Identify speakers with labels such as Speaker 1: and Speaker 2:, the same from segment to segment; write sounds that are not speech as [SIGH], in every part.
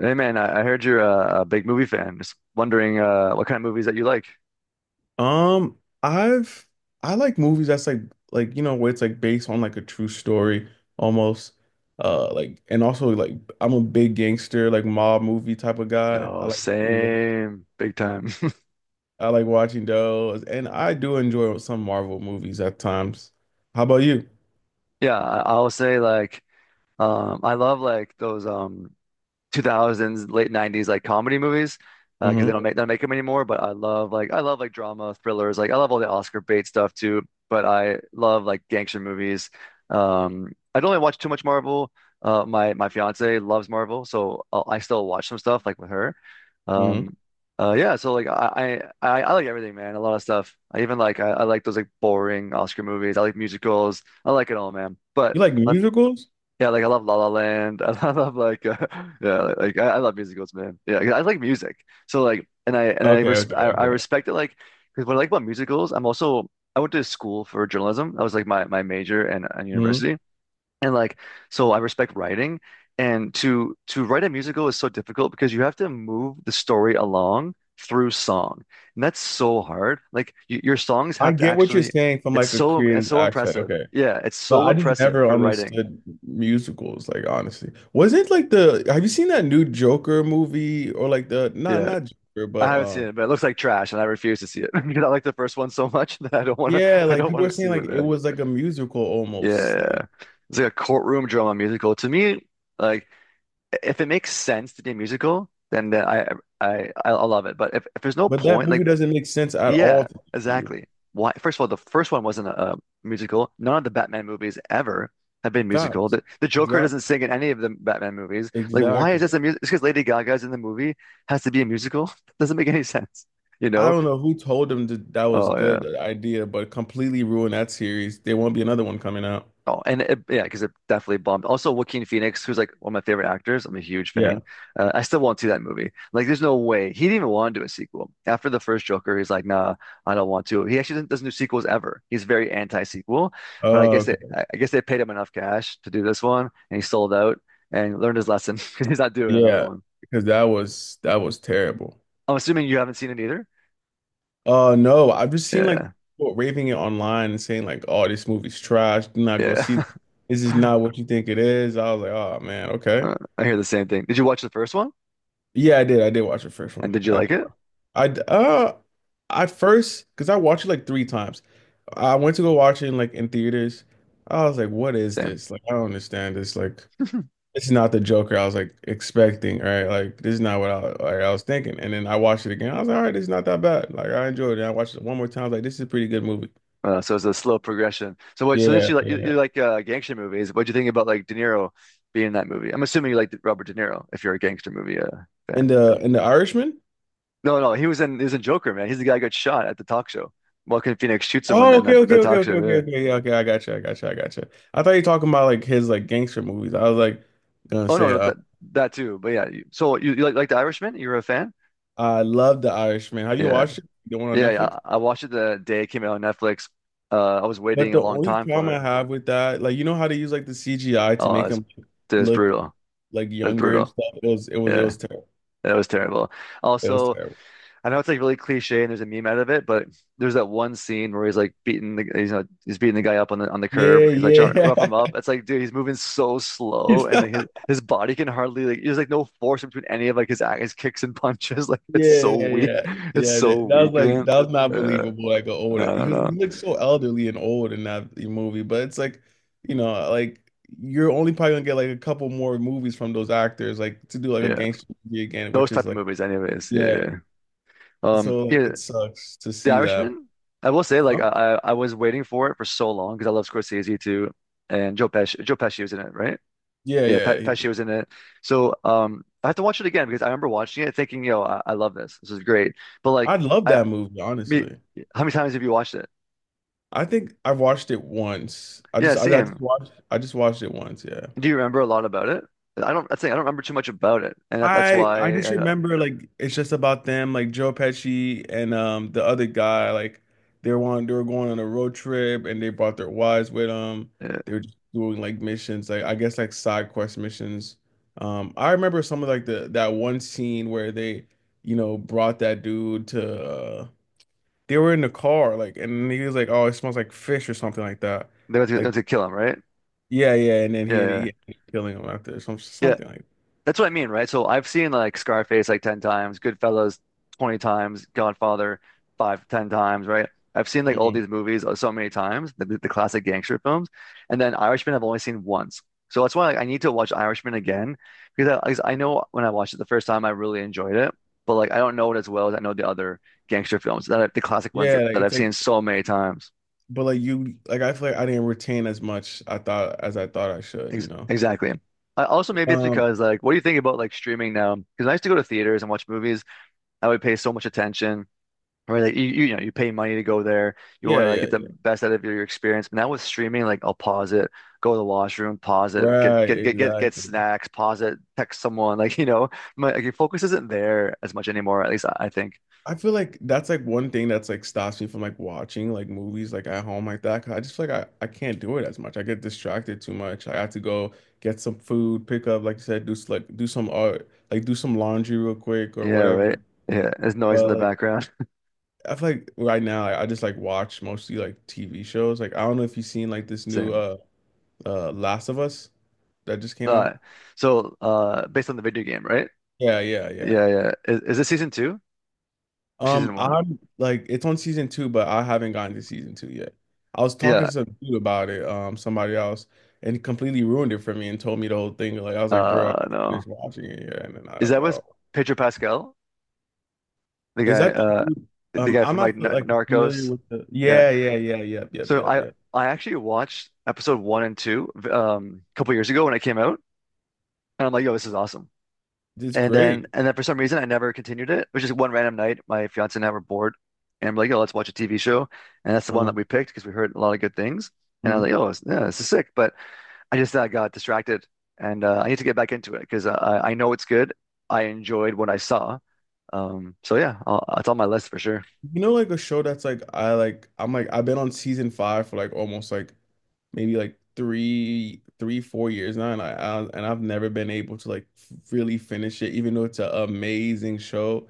Speaker 1: Hey man, I heard you're a big movie fan. Just wondering what kind of movies that you like.
Speaker 2: Um, I've I like movies that's like you know where it's like based on like a true story almost. Like and also like I'm a big gangster like mob movie type of guy.
Speaker 1: Yo, same, big time. [LAUGHS]
Speaker 2: I like watching those, and I do enjoy some Marvel movies at times. How about you?
Speaker 1: Yeah, I, I'll say like I love like those 2000s, late 90s like comedy movies because they
Speaker 2: Mm-hmm.
Speaker 1: don't make they don't make them anymore. But I love like drama, thrillers. Like I love all the Oscar bait stuff too. But I love like gangster movies. I don't really watch too much Marvel. My fiance loves Marvel, so I still watch some stuff like with her.
Speaker 2: Mm-hmm.
Speaker 1: Um, yeah, so I like everything, man. A lot of stuff. I like those like boring Oscar movies. I like musicals. I like it all, man. But
Speaker 2: You like
Speaker 1: let's
Speaker 2: musicals?
Speaker 1: Yeah, like I love La La Land. [LAUGHS] I love yeah, I love musicals, man. Yeah, 'cause I like music. So like, and I
Speaker 2: Okay,
Speaker 1: res
Speaker 2: okay,
Speaker 1: I
Speaker 2: okay.
Speaker 1: respect it. Like, because what I like about musicals, I went to school for journalism. That was like my major and
Speaker 2: Hmm.
Speaker 1: university, and like so I respect writing. And to write a musical is so difficult because you have to move the story along through song, and that's so hard. Like y your songs
Speaker 2: I
Speaker 1: have to
Speaker 2: get what you're saying from
Speaker 1: it's
Speaker 2: like a creative
Speaker 1: so
Speaker 2: accent.
Speaker 1: impressive.
Speaker 2: Okay.
Speaker 1: Yeah, it's
Speaker 2: But
Speaker 1: so
Speaker 2: I just
Speaker 1: impressive
Speaker 2: never
Speaker 1: for writing.
Speaker 2: understood musicals, like honestly. Was it like the have you seen that new Joker movie or like the not
Speaker 1: Yeah.
Speaker 2: not Joker,
Speaker 1: I
Speaker 2: but
Speaker 1: haven't seen it, but it looks like trash, and I refuse to see it [LAUGHS] because I like the first one so much [LAUGHS] that I don't want to.
Speaker 2: yeah,
Speaker 1: I
Speaker 2: like
Speaker 1: don't
Speaker 2: people
Speaker 1: want to
Speaker 2: were saying
Speaker 1: see
Speaker 2: like
Speaker 1: it,
Speaker 2: it
Speaker 1: man.
Speaker 2: was like a musical almost. Like
Speaker 1: Yeah, it's like a courtroom drama musical to me. Like, if it makes sense to be a musical, then I'll love it. But if there's no
Speaker 2: but that
Speaker 1: point, like,
Speaker 2: movie doesn't make sense at all
Speaker 1: yeah,
Speaker 2: to be a musical.
Speaker 1: exactly. Why? First of all, the first one wasn't a musical. None of the Batman movies ever have been musical.
Speaker 2: Facts.
Speaker 1: The Joker doesn't
Speaker 2: Exactly.
Speaker 1: sing in any of the Batman movies. Like, why is this
Speaker 2: Exactly.
Speaker 1: a music? It's because Lady Gaga's in the movie has to be a musical. [LAUGHS] Doesn't make any [LAUGHS] sense. You
Speaker 2: I
Speaker 1: know,
Speaker 2: don't know who told them that that was
Speaker 1: oh yeah.
Speaker 2: good idea, but completely ruined that series. There won't be another one coming out.
Speaker 1: Oh, yeah, because it definitely bombed. Also, Joaquin Phoenix, who's like one of my favorite actors. I'm a huge
Speaker 2: Yeah.
Speaker 1: fan. I still won't see that movie. Like, there's no way he didn't even want to do a sequel. After the first Joker, he's like, nah, I don't want to. He actually doesn't do sequels ever. He's very anti-sequel. But
Speaker 2: Oh, okay.
Speaker 1: I guess they paid him enough cash to do this one, and he sold out and learned his lesson [LAUGHS] because he's not doing another
Speaker 2: Yeah.
Speaker 1: one.
Speaker 2: Because that was terrible.
Speaker 1: I'm assuming you haven't seen it either.
Speaker 2: No, I've just seen like
Speaker 1: Yeah,
Speaker 2: people raving it online and saying like, "Oh, this movie's trash. Do not go
Speaker 1: yeah.
Speaker 2: see this. This is
Speaker 1: [LAUGHS]
Speaker 2: not what you think it is." I was like, "Oh man, okay."
Speaker 1: I hear the same thing. Did you watch the first one?
Speaker 2: Yeah, I did. I did watch the first
Speaker 1: And
Speaker 2: one.
Speaker 1: did you
Speaker 2: I
Speaker 1: like
Speaker 2: did
Speaker 1: it?
Speaker 2: watch. I d- uh, at first, because I watched it like three times. I went to go watch it in, like in theaters. I was like, "What is
Speaker 1: Same.
Speaker 2: this? Like, I don't understand this. Like, this is not the Joker I was like expecting, right? Like, this is not what I like I was thinking." And then I watched it again. I was like, "All right, it's not that bad. Like, I enjoyed it." And I watched it one more time. I was like, "This is a pretty good movie."
Speaker 1: So it's a slow progression. So what? So that
Speaker 2: Yeah, yeah.
Speaker 1: you like gangster movies. What do you think about like De Niro being in that movie? I'm assuming you like Robert De Niro if you're a gangster movie
Speaker 2: And
Speaker 1: fan.
Speaker 2: the and the Irishman?
Speaker 1: No, no, he was in Joker, man. He's the guy who got shot at the talk show. Joaquin Phoenix shoots him
Speaker 2: Oh,
Speaker 1: on
Speaker 2: okay, okay,
Speaker 1: that
Speaker 2: okay,
Speaker 1: talk show.
Speaker 2: okay, okay,
Speaker 1: Yeah.
Speaker 2: okay. Yeah, okay, I got you, I got you, I got you. I thought you were talking about like his like gangster movies. I was like gonna
Speaker 1: Oh no,
Speaker 2: say,
Speaker 1: no, that that too. But yeah, you like The Irishman? You were a fan?
Speaker 2: I love The Irishman. Have you
Speaker 1: Yeah,
Speaker 2: watched it? The one on
Speaker 1: yeah.
Speaker 2: Netflix?
Speaker 1: I watched it the day it came out on Netflix. I was
Speaker 2: But
Speaker 1: waiting a
Speaker 2: the
Speaker 1: long
Speaker 2: only
Speaker 1: time for
Speaker 2: problem I
Speaker 1: it.
Speaker 2: have with that, like you know how they use like the CGI to
Speaker 1: Oh, it
Speaker 2: make
Speaker 1: was,
Speaker 2: him
Speaker 1: it was
Speaker 2: look
Speaker 1: brutal.
Speaker 2: like
Speaker 1: That's
Speaker 2: younger and
Speaker 1: brutal.
Speaker 2: stuff. It was it was it
Speaker 1: Yeah,
Speaker 2: was terrible.
Speaker 1: that was terrible.
Speaker 2: It was
Speaker 1: Also,
Speaker 2: terrible.
Speaker 1: I know it's like really cliche and there's a meme out of it, but there's that one scene where he's beating the guy up on the
Speaker 2: Yeah,
Speaker 1: curb. He's like trying to rough him up.
Speaker 2: yeah.
Speaker 1: It's like, dude, he's moving so slow and like his
Speaker 2: [LAUGHS]
Speaker 1: his body can hardly like there's like no force between any of like his kicks and punches. [LAUGHS] Like
Speaker 2: Yeah,
Speaker 1: it's so
Speaker 2: yeah,
Speaker 1: weak.
Speaker 2: yeah.
Speaker 1: It's
Speaker 2: Yeah,
Speaker 1: so
Speaker 2: that was
Speaker 1: weak,
Speaker 2: like
Speaker 1: man.
Speaker 2: that was not
Speaker 1: Uh,
Speaker 2: believable. Like an old,
Speaker 1: no, no,
Speaker 2: he
Speaker 1: no.
Speaker 2: looked so elderly and old in that movie. But it's like, like you're only probably gonna get like a couple more movies from those actors, like to do like a
Speaker 1: Yeah,
Speaker 2: gangster movie again,
Speaker 1: those
Speaker 2: which is
Speaker 1: type of
Speaker 2: like,
Speaker 1: movies, anyways. Yeah,
Speaker 2: yeah.
Speaker 1: yeah.
Speaker 2: So like
Speaker 1: Yeah,
Speaker 2: it sucks to
Speaker 1: The
Speaker 2: see that.
Speaker 1: Irishman. I will say, like,
Speaker 2: Huh?
Speaker 1: I was waiting for it for so long because I love Scorsese too, and Joe Pesci. Joe Pesci was in it, right?
Speaker 2: Yeah,
Speaker 1: Yeah,
Speaker 2: yeah.
Speaker 1: Pat
Speaker 2: Yeah.
Speaker 1: Pesci was in it. So I have to watch it again because I remember watching it thinking, yo, I love this. This is great. But like
Speaker 2: I love
Speaker 1: I
Speaker 2: that movie,
Speaker 1: me
Speaker 2: honestly.
Speaker 1: How many times have you watched it?
Speaker 2: I think I watched it once.
Speaker 1: Yeah, same.
Speaker 2: I just watched it once. Yeah.
Speaker 1: Do you remember a lot about it? I'd say I don't remember too much about it. And that's
Speaker 2: I
Speaker 1: why
Speaker 2: just
Speaker 1: I
Speaker 2: remember like it's just about them like Joe Pesci and the other guy like they were going on a road trip and they brought their wives with them.
Speaker 1: yeah.
Speaker 2: They were just doing like missions like I guess like side quest missions. I remember some of like the that one scene where they brought that dude to they were in the car like and he was like oh it smells like fish or something like that.
Speaker 1: They went
Speaker 2: Like
Speaker 1: to kill him, right?
Speaker 2: yeah yeah and then
Speaker 1: Yeah,
Speaker 2: he had,
Speaker 1: yeah. Yeah.
Speaker 2: he had killing him after
Speaker 1: Yeah.
Speaker 2: something like.
Speaker 1: That's what I mean, right? So I've seen like Scarface like 10 times, Goodfellas 20 times, Godfather 5, 10 times, right? I've seen like all
Speaker 2: Mhm.
Speaker 1: these movies so many times, the classic gangster films. And then Irishman I've only seen once. So that's why like, I need to watch Irishman again because 'cause I know when I watched it the first time I really enjoyed it, but like I don't know it as well as I know the other gangster films the classic ones
Speaker 2: Yeah like
Speaker 1: that
Speaker 2: it's
Speaker 1: I've seen
Speaker 2: like
Speaker 1: so many times.
Speaker 2: but like you like I feel like I didn't retain as much I thought I should, you
Speaker 1: Ex
Speaker 2: know.
Speaker 1: Exactly. I also maybe it's
Speaker 2: Um
Speaker 1: because like what do you think about like streaming now? Because I used to go to theaters and watch movies I would pay so much attention. Or like you know, you pay money to go there. You want
Speaker 2: yeah,
Speaker 1: to like
Speaker 2: yeah,
Speaker 1: get the
Speaker 2: yeah.
Speaker 1: best out of your experience. But now with streaming, like I'll pause it, go to the washroom, pause it,
Speaker 2: Right,
Speaker 1: get
Speaker 2: exactly.
Speaker 1: snacks, pause it, text someone. [LAUGHS] Like you know, your focus isn't there as much anymore. At least I think.
Speaker 2: I feel like that's like one thing that's like stops me from like watching like movies like at home like that 'cause I just feel like I can't do it as much. I get distracted too much. I have to go get some food, pick up like you said, like do some art, like do some laundry real quick or
Speaker 1: Yeah,
Speaker 2: whatever.
Speaker 1: right. Yeah, there's noise in
Speaker 2: But
Speaker 1: the
Speaker 2: like
Speaker 1: background.
Speaker 2: I feel like right now I just like watch mostly like TV shows. Like I don't know if you've seen like this
Speaker 1: [LAUGHS]
Speaker 2: new
Speaker 1: Same.
Speaker 2: Last of Us that just came
Speaker 1: Uh,
Speaker 2: out?
Speaker 1: Based on the video game, right?
Speaker 2: Yeah, yeah, yeah.
Speaker 1: Yeah, yeah. Is this season two? Or season one?
Speaker 2: I'm like it's on season two, but I haven't gotten to season two yet. I was talking
Speaker 1: Yeah.
Speaker 2: to some dude about it, somebody else, and he completely ruined it for me and told me the whole thing. Like I was like, bro, I can't finish
Speaker 1: No.
Speaker 2: watching it yet. And then I
Speaker 1: Is
Speaker 2: was
Speaker 1: that
Speaker 2: like,
Speaker 1: with
Speaker 2: oh.
Speaker 1: Pedro Pascal? The
Speaker 2: Is
Speaker 1: guy,
Speaker 2: that the
Speaker 1: uh,
Speaker 2: dude?
Speaker 1: the guy
Speaker 2: I'm
Speaker 1: from like
Speaker 2: not
Speaker 1: N
Speaker 2: like familiar
Speaker 1: Narcos.
Speaker 2: with the.
Speaker 1: Yeah.
Speaker 2: Yeah, yeah, yeah, yep, yep,
Speaker 1: So
Speaker 2: yep, yep.
Speaker 1: I actually watched episode one and two a couple years ago when it came out, and I'm like, yo, this is awesome.
Speaker 2: It's
Speaker 1: And then
Speaker 2: great.
Speaker 1: and then for some reason I never continued it. It was just one random night. My fiance and I were bored, and I'm like, yo, let's watch a TV show, and that's the one that
Speaker 2: Um,
Speaker 1: we picked because we heard a lot of good things. And I was like, yeah, this is sick. But I just got distracted, and I need to get back into it because I know it's good. I enjoyed what I saw. So yeah, it's on my list for sure.
Speaker 2: You know, like a show that's like I'm like I've been on season five for like almost like maybe like three four years now, and I've never been able to like really finish it, even though it's an amazing show.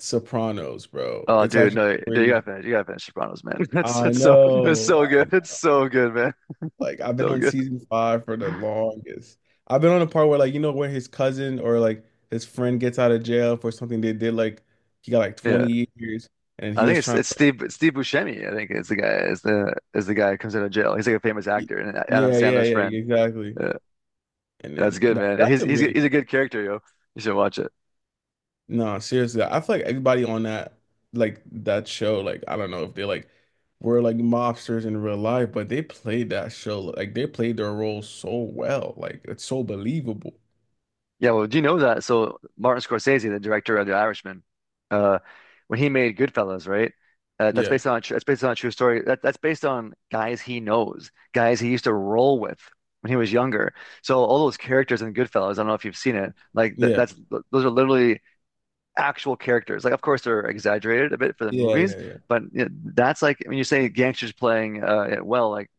Speaker 2: Sopranos, bro,
Speaker 1: Oh,
Speaker 2: it's
Speaker 1: dude,
Speaker 2: actually
Speaker 1: no, dude, you
Speaker 2: crazy.
Speaker 1: gotta finish. You gotta finish Sopranos, man. [LAUGHS] It's
Speaker 2: I
Speaker 1: it's so it's
Speaker 2: know,
Speaker 1: so
Speaker 2: I
Speaker 1: good. It's
Speaker 2: know.
Speaker 1: so good, man.
Speaker 2: Like I've been
Speaker 1: So
Speaker 2: on
Speaker 1: good.
Speaker 2: season five for the longest. I've been on the part where like you know when his cousin or like his friend gets out of jail for something they did like he got like
Speaker 1: Yeah,
Speaker 2: 20 years and
Speaker 1: I
Speaker 2: he
Speaker 1: think
Speaker 2: was
Speaker 1: it's
Speaker 2: trying to
Speaker 1: it's Steve it's Steve Buscemi. I think is the guy who comes out of jail. He's like a famous
Speaker 2: Y-
Speaker 1: actor and Adam
Speaker 2: Yeah, yeah,
Speaker 1: Sandler's friend.
Speaker 2: yeah, exactly.
Speaker 1: Yeah,
Speaker 2: And
Speaker 1: that's
Speaker 2: then
Speaker 1: good,
Speaker 2: that,
Speaker 1: man. And
Speaker 2: that's a really
Speaker 1: he's a good character, yo. You should watch it.
Speaker 2: no, seriously. I feel like everybody on that like that show, like I don't know if they like were like mobsters in real life, but they played that show like they played their role so well. Like it's so believable.
Speaker 1: Yeah, well, do you know that? So Martin Scorsese, the director of The Irishman, uh, when he made Goodfellas, right?
Speaker 2: Yeah.
Speaker 1: That's based on a true story. That's based on guys he knows, guys he used to roll with when he was younger. So all those characters in Goodfellas, I don't know if you've seen it,
Speaker 2: Yeah.
Speaker 1: that's those are literally actual characters. Like, of course, they're exaggerated a bit for the
Speaker 2: Yeah,
Speaker 1: movies,
Speaker 2: yeah, yeah.
Speaker 1: but you know, that's like when you say gangsters playing like,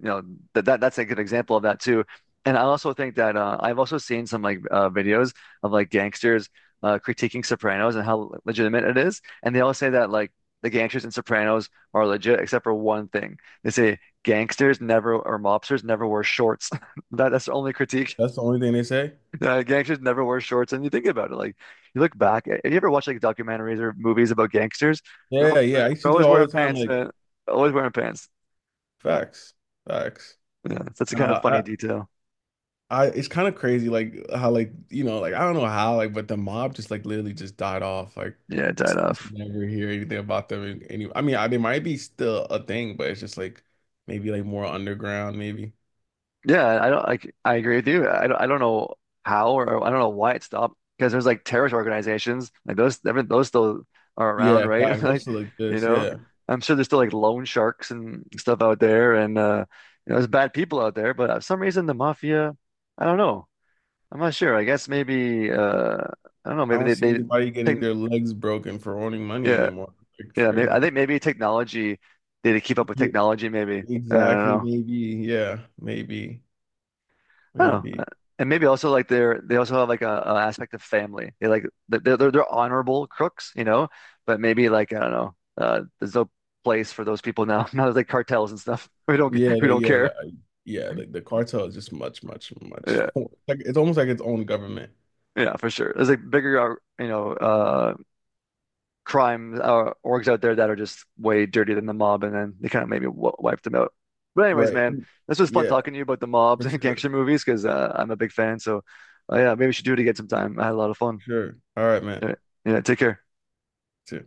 Speaker 1: you know that that's a good example of that too. And I also think that I've also seen some videos of like gangsters critiquing Sopranos and how legitimate it is, and they all say that like the gangsters in Sopranos are legit except for one thing. They say gangsters never or mobsters never wear shorts. [LAUGHS] That's the only critique.
Speaker 2: That's
Speaker 1: [LAUGHS]
Speaker 2: the only thing they say.
Speaker 1: Gangsters never wear shorts, and you think about it, like you look back. Have you ever watched like documentaries or movies about gangsters?
Speaker 2: Yeah, yeah. I used
Speaker 1: They're
Speaker 2: to do
Speaker 1: always
Speaker 2: it all
Speaker 1: wearing
Speaker 2: the time,
Speaker 1: pants,
Speaker 2: like
Speaker 1: man. Always wearing pants.
Speaker 2: facts. Facts.
Speaker 1: Yeah, that's a kind of
Speaker 2: Uh,
Speaker 1: funny
Speaker 2: I,
Speaker 1: detail.
Speaker 2: I it's kind of crazy like how like you know like I don't know how like but the mob just like literally just died off like
Speaker 1: Yeah, it died
Speaker 2: just
Speaker 1: off.
Speaker 2: never hear anything about them in any I mean they might be still a thing but it's just like maybe like more underground maybe
Speaker 1: Yeah, I don't like I agree with you. I don't know how or I don't know why it stopped because there's like terrorist organizations like those I mean, those still are around,
Speaker 2: yeah
Speaker 1: right? [LAUGHS]
Speaker 2: facts
Speaker 1: Like,
Speaker 2: also like
Speaker 1: you
Speaker 2: this
Speaker 1: know,
Speaker 2: yeah
Speaker 1: I'm sure there's still like loan sharks and stuff out there and you know, there's bad people out there, but for some reason the mafia, I don't know. I'm not sure. I guess maybe I don't know,
Speaker 2: I
Speaker 1: maybe
Speaker 2: don't see
Speaker 1: they
Speaker 2: anybody
Speaker 1: take
Speaker 2: getting their legs broken for owning money
Speaker 1: yeah,
Speaker 2: anymore. Like, it's
Speaker 1: yeah, maybe I
Speaker 2: crazy.
Speaker 1: think maybe technology they had to keep up with
Speaker 2: Ye-
Speaker 1: technology maybe. I don't
Speaker 2: exactly
Speaker 1: know.
Speaker 2: maybe yeah maybe
Speaker 1: Oh,
Speaker 2: maybe
Speaker 1: and maybe also like they also have like a aspect of family. They they're honorable crooks, you know, but maybe like I don't know, there's no place for those people now. [LAUGHS] Now there's like cartels and stuff. [LAUGHS] We don't
Speaker 2: yeah
Speaker 1: we don't care.
Speaker 2: yeah like the cartel is just much much much
Speaker 1: Yeah,
Speaker 2: [LAUGHS] more like it's almost like its own government.
Speaker 1: yeah, for sure. There's like you know, crime orgs out there that are just way dirtier than the mob, and then they kind of maybe w wiped them out. But anyways,
Speaker 2: Right.
Speaker 1: man, this was fun
Speaker 2: Yeah,
Speaker 1: talking to you about the mobs [LAUGHS]
Speaker 2: for
Speaker 1: and
Speaker 2: sure.
Speaker 1: gangster movies because I'm a big fan. So yeah, maybe we should do it again sometime. I had a lot of fun.
Speaker 2: Sure. All right, man.
Speaker 1: All right. Yeah, take care.
Speaker 2: Too.